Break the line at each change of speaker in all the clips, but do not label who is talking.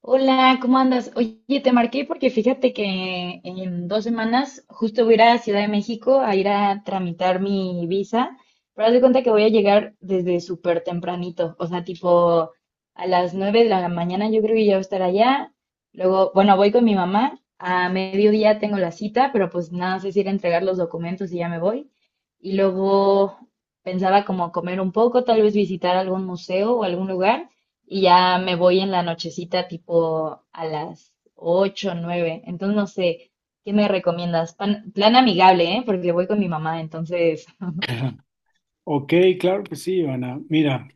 Hola, ¿cómo andas? Oye, te marqué porque fíjate que en 2 semanas justo voy a ir a Ciudad de México a ir a tramitar mi visa, pero haz de cuenta que voy a llegar desde súper tempranito, o sea, tipo a las 9 de la mañana yo creo que ya voy a estar allá. Luego, bueno, voy con mi mamá, a mediodía tengo la cita, pero pues nada, sé si ir a entregar los documentos y ya me voy. Y luego pensaba como comer un poco, tal vez visitar algún museo o algún lugar y ya me voy en la nochecita tipo a las 8 nueve. Entonces no sé, ¿qué me recomiendas? Plan amigable, ¿eh? Porque voy con mi mamá, entonces.
Ok, claro que sí, Ivana. Mira,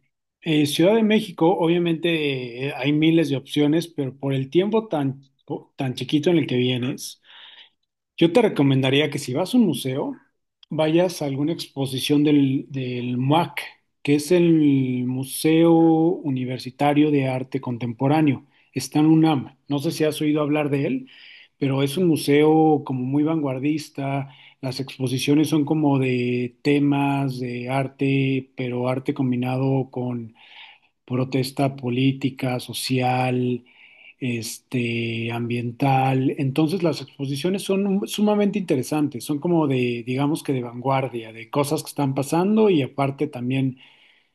Ciudad de México, obviamente hay miles de opciones, pero por el tiempo tan chiquito en el que vienes, yo te recomendaría que si vas a un museo, vayas a alguna exposición del MUAC, que es el Museo Universitario de Arte Contemporáneo. Está en UNAM. No sé si has oído hablar de él, pero es un museo como muy vanguardista. Las exposiciones son como de temas de arte, pero arte combinado con protesta política, social, este, ambiental. Entonces las exposiciones son sumamente interesantes, son como de, digamos que de vanguardia, de cosas que están pasando, y aparte también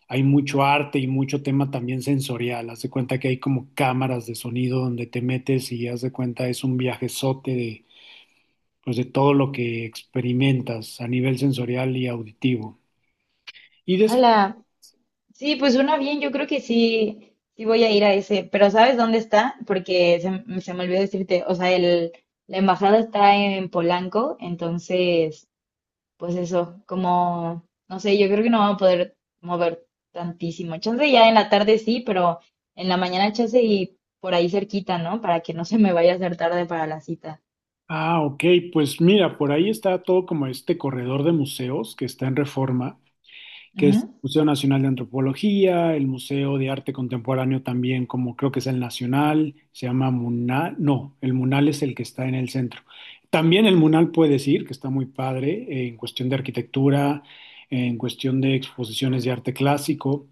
hay mucho arte y mucho tema también sensorial. Haz de cuenta que hay como cámaras de sonido donde te metes, y haz de cuenta es un viajezote de, pues de todo lo que experimentas a nivel sensorial y auditivo. Y después.
Hola. Sí, pues suena bien, yo creo que sí, sí voy a ir a ese, pero ¿sabes dónde está? Porque se me olvidó decirte, o sea, la embajada está en Polanco, entonces... pues eso, como, no sé, yo creo que no vamos a poder mover tantísimo. Chance ya en la tarde sí, pero en la mañana chance y por ahí cerquita, ¿no? Para que no se me vaya a hacer tarde para la cita.
Ah, ok, pues mira, por ahí está todo como este corredor de museos que está en Reforma, que es el
Ujú.
Museo Nacional de Antropología, el Museo de Arte Contemporáneo también, como creo que es el Nacional, se llama MUNAL. No, el MUNAL es el que está en el centro. También el MUNAL puede decir que está muy padre, en cuestión de arquitectura, en cuestión de exposiciones de arte clásico,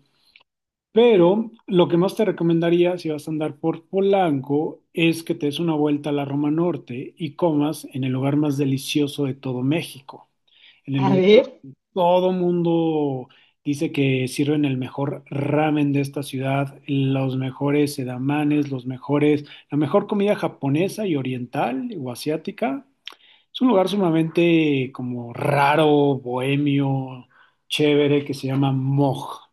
pero lo que más te recomendaría si vas a andar por Polanco es que te des una vuelta a la Roma Norte y comas en el lugar más delicioso de todo México, en el
A
lugar
ver,
todo mundo dice que sirven el mejor ramen de esta ciudad, los mejores sedamanes, los mejores, la mejor comida japonesa y oriental o asiática. Es un lugar sumamente como raro, bohemio, chévere, que se llama Moj,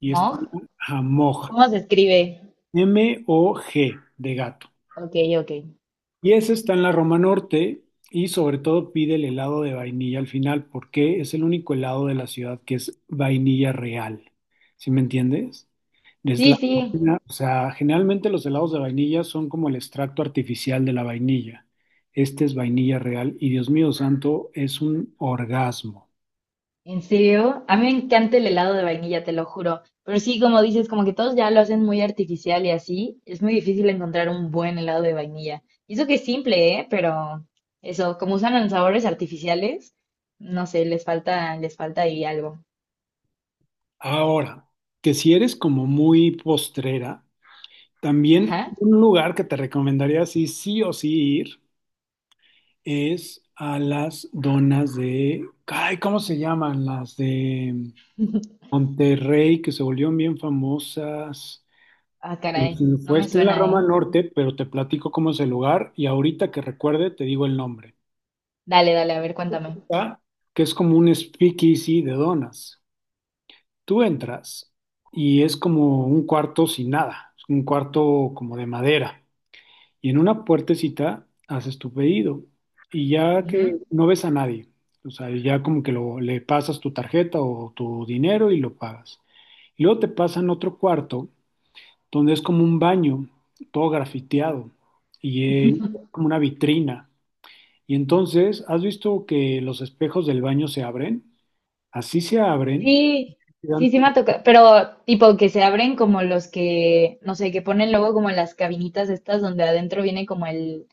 y es
Moj,
ajá, Moj,
¿cómo se escribe?
Mog de gato.
Ok, ok.
Y ese está en la Roma Norte, y sobre todo pide el helado de vainilla al final porque es el único helado de la ciudad que es vainilla real. ¿Sí me entiendes? Es la,
Sí, sí.
o sea, generalmente los helados de vainilla son como el extracto artificial de la vainilla. Este es vainilla real y Dios mío santo, es un orgasmo.
¿En serio? A mí me encanta el helado de vainilla, te lo juro. Pero sí, como dices, como que todos ya lo hacen muy artificial y así, es muy difícil encontrar un buen helado de vainilla. Y eso que es simple, ¿eh? Pero eso, como usan los sabores artificiales, no sé, les falta ahí algo.
Ahora, que si eres como muy postrera, también
Ajá.
un lugar que te recomendaría sí, sí o sí ir es a las donas de, ay, ¿cómo se llaman? Las de Monterrey, que se volvieron bien famosas.
Ah,
Pues,
caray, no
Fue
me
está en la
suena,
Roma
¿eh?
Norte, pero te platico cómo es el lugar, y ahorita que recuerde te digo el nombre.
Dale, dale, a ver, cuéntame.
Está, Que es como un speakeasy de donas. Tú entras y es como un cuarto sin nada, es un cuarto como de madera. Y en una puertecita haces tu pedido, y ya
Ujú.
que no ves a nadie, o sea, ya como que le pasas tu tarjeta o tu dinero y lo pagas. Y luego te pasan otro cuarto donde es como un baño, todo grafiteado, y es como una vitrina. Y entonces, ¿has visto que los espejos del baño se abren? Así se abren,
Sí,
y
sí, sí me ha tocado, pero tipo que se abren como los que, no sé, que ponen luego como en las cabinitas estas donde adentro viene como el,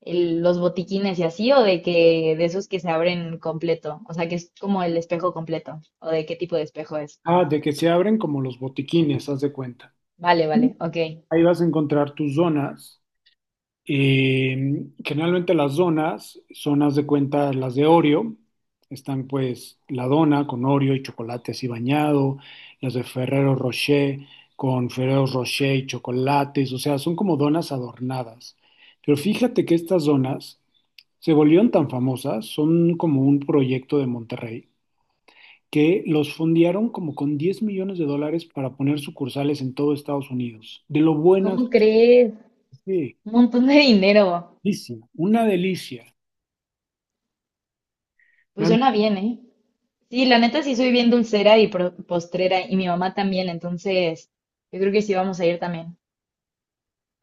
el- los botiquines y así, o de que de esos que se abren completo, o sea, que es como el espejo completo, o de qué tipo de espejo es.
ah, de que se abren como los botiquines, haz de cuenta.
Vale, vale, ok.
Ahí vas a encontrar tus donas. Generalmente las donas son, haz de cuenta, las de Oreo. Están pues la dona con Oreo y chocolate así bañado, las de Ferrero Rocher con Ferrero Rocher y chocolates, o sea, son como donas adornadas. Pero fíjate que estas donas se volvieron tan famosas, son como un proyecto de Monterrey, que los fondearon como con 10 millones de dólares para poner sucursales en todo Estados Unidos. De lo buenas,
¿Cómo crees?
sí,
Un montón de dinero.
delicia, una delicia.
Pues suena bien, ¿eh? Sí, la neta sí soy bien dulcera y postrera, y mi mamá también, entonces yo creo que sí vamos a ir también.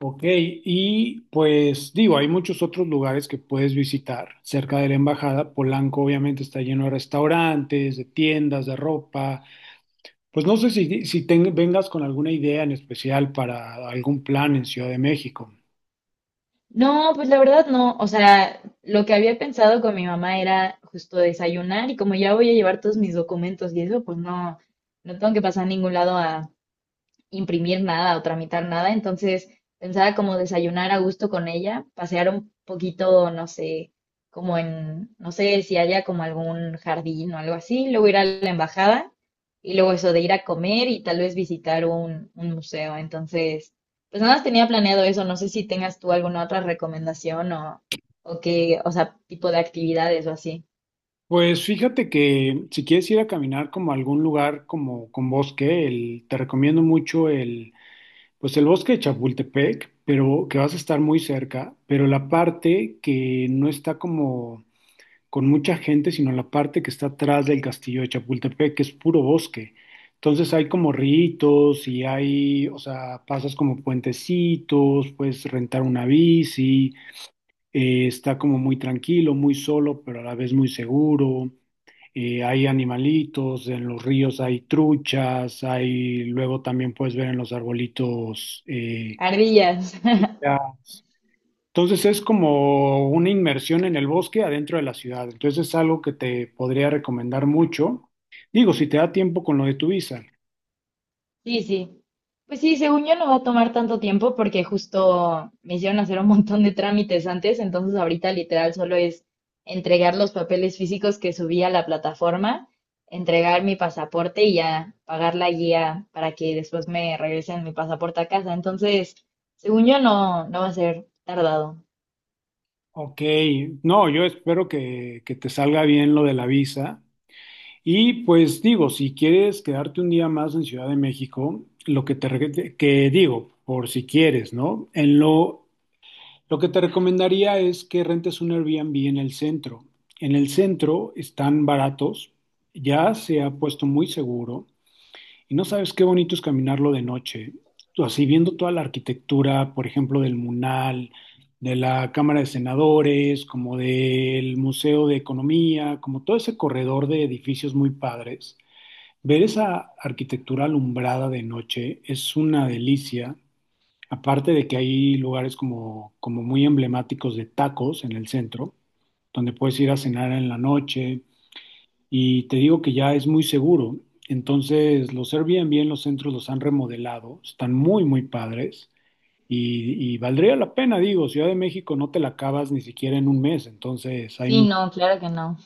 Ok, y pues digo, hay muchos otros lugares que puedes visitar cerca de la embajada. Polanco obviamente está lleno de restaurantes, de tiendas, de ropa. Pues no sé si vengas con alguna idea en especial para algún plan en Ciudad de México.
No, pues la verdad no, o sea, lo que había pensado con mi mamá era justo desayunar y como ya voy a llevar todos mis documentos y eso, pues no, no tengo que pasar a ningún lado a imprimir nada o tramitar nada, entonces pensaba como desayunar a gusto con ella, pasear un poquito, no sé, como en, no sé si haya como algún jardín o algo así, luego ir a la embajada y luego eso de ir a comer y tal vez visitar un, museo. Entonces, pues nada más tenía planeado eso, no sé si tengas tú alguna otra recomendación o qué, o sea, tipo de actividades o así.
Pues fíjate que si quieres ir a caminar como a algún lugar como con bosque, te recomiendo mucho el bosque de Chapultepec, pero que vas a estar muy cerca, pero la parte que no está como con mucha gente, sino la parte que está atrás del castillo de Chapultepec, que es puro bosque. Entonces hay como ríos y hay, o sea, pasas como puentecitos, puedes rentar una bici, está como muy tranquilo, muy solo, pero a la vez muy seguro. Hay animalitos, en los ríos hay truchas, luego también puedes ver en los arbolitos
Ardillas.
icas. Entonces es como una inmersión en el bosque adentro de la ciudad. Entonces es algo que te podría recomendar mucho. Digo, si te da tiempo con lo de tu visa.
Sí, sí. Pues sí, según yo no va a tomar tanto tiempo porque justo me hicieron hacer un montón de trámites antes, entonces ahorita literal solo es entregar los papeles físicos que subí a la plataforma, entregar mi pasaporte y ya pagar la guía para que después me regresen mi pasaporte a casa. Entonces, según yo no, no va a ser tardado.
Ok, no, yo espero que te salga bien lo de la visa. Y pues digo, si quieres quedarte un día más en Ciudad de México, lo que te que digo, por si quieres, ¿no? En lo que te recomendaría es que rentes un Airbnb en el centro. En el centro están baratos, ya se ha puesto muy seguro. Y no sabes qué bonito es caminarlo de noche, así viendo toda la arquitectura, por ejemplo, del MUNAL, de la Cámara de Senadores, como del Museo de Economía, como todo ese corredor de edificios muy padres. Ver esa arquitectura alumbrada de noche es una delicia, aparte de que hay lugares como muy emblemáticos de tacos en el centro, donde puedes ir a cenar en la noche, y te digo que ya es muy seguro. Entonces, los Airbnb en los centros los han remodelado, están muy, muy padres, y valdría la pena, digo, Ciudad de México no te la acabas ni siquiera en un mes, entonces hay
Sí,
mucho.
no, claro que no.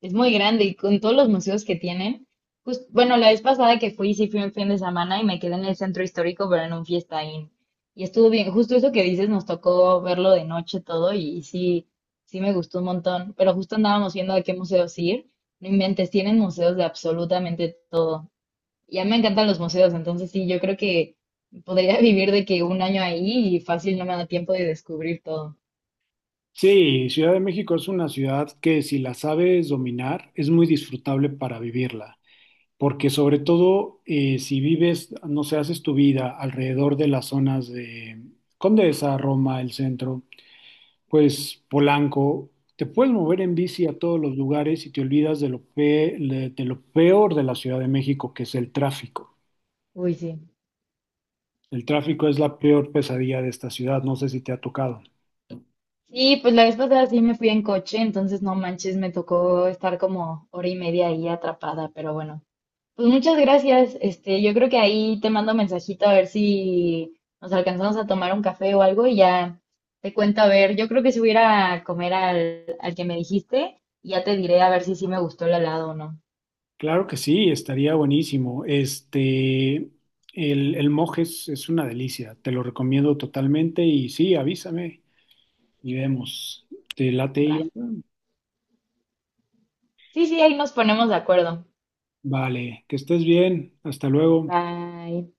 Es muy grande y con todos los museos que tienen. Pues, bueno, la vez pasada que fui, sí fui un fin de semana y me quedé en el centro histórico, pero en un fiestaín. Y estuvo bien, justo eso que dices, nos tocó verlo de noche todo y, sí, sí me gustó un montón. Pero justo andábamos viendo a qué museos ir. No inventes, tienen museos de absolutamente todo. Ya me encantan los museos, entonces sí, yo creo que podría vivir de que un año ahí y fácil no me da tiempo de descubrir todo.
Sí, Ciudad de México es una ciudad que si la sabes dominar es muy disfrutable para vivirla, porque sobre todo si vives, no sé, haces tu vida alrededor de las zonas de Condesa, Roma, el centro, pues Polanco, te puedes mover en bici a todos los lugares y te olvidas de lo peor de la Ciudad de México, que es el tráfico.
Uy, sí.
El tráfico es la peor pesadilla de esta ciudad, no sé si te ha tocado.
Sí, pues la vez pasada sí me fui en coche, entonces no manches, me tocó estar como hora y media ahí atrapada, pero bueno. Pues muchas gracias. Este, yo creo que ahí te mando mensajito a ver si nos alcanzamos a tomar un café o algo y ya te cuento a ver. Yo creo que si voy a ir a comer al que me dijiste, y ya te diré a ver si sí me gustó el helado o no.
Claro que sí, estaría buenísimo. Este, el Mojes es una delicia, te lo recomiendo totalmente y sí, avísame y vemos. ¿Te late,
Va.
Iván?
Sí, sí, ahí nos ponemos de acuerdo.
Vale, que estés bien, hasta luego.
Bye.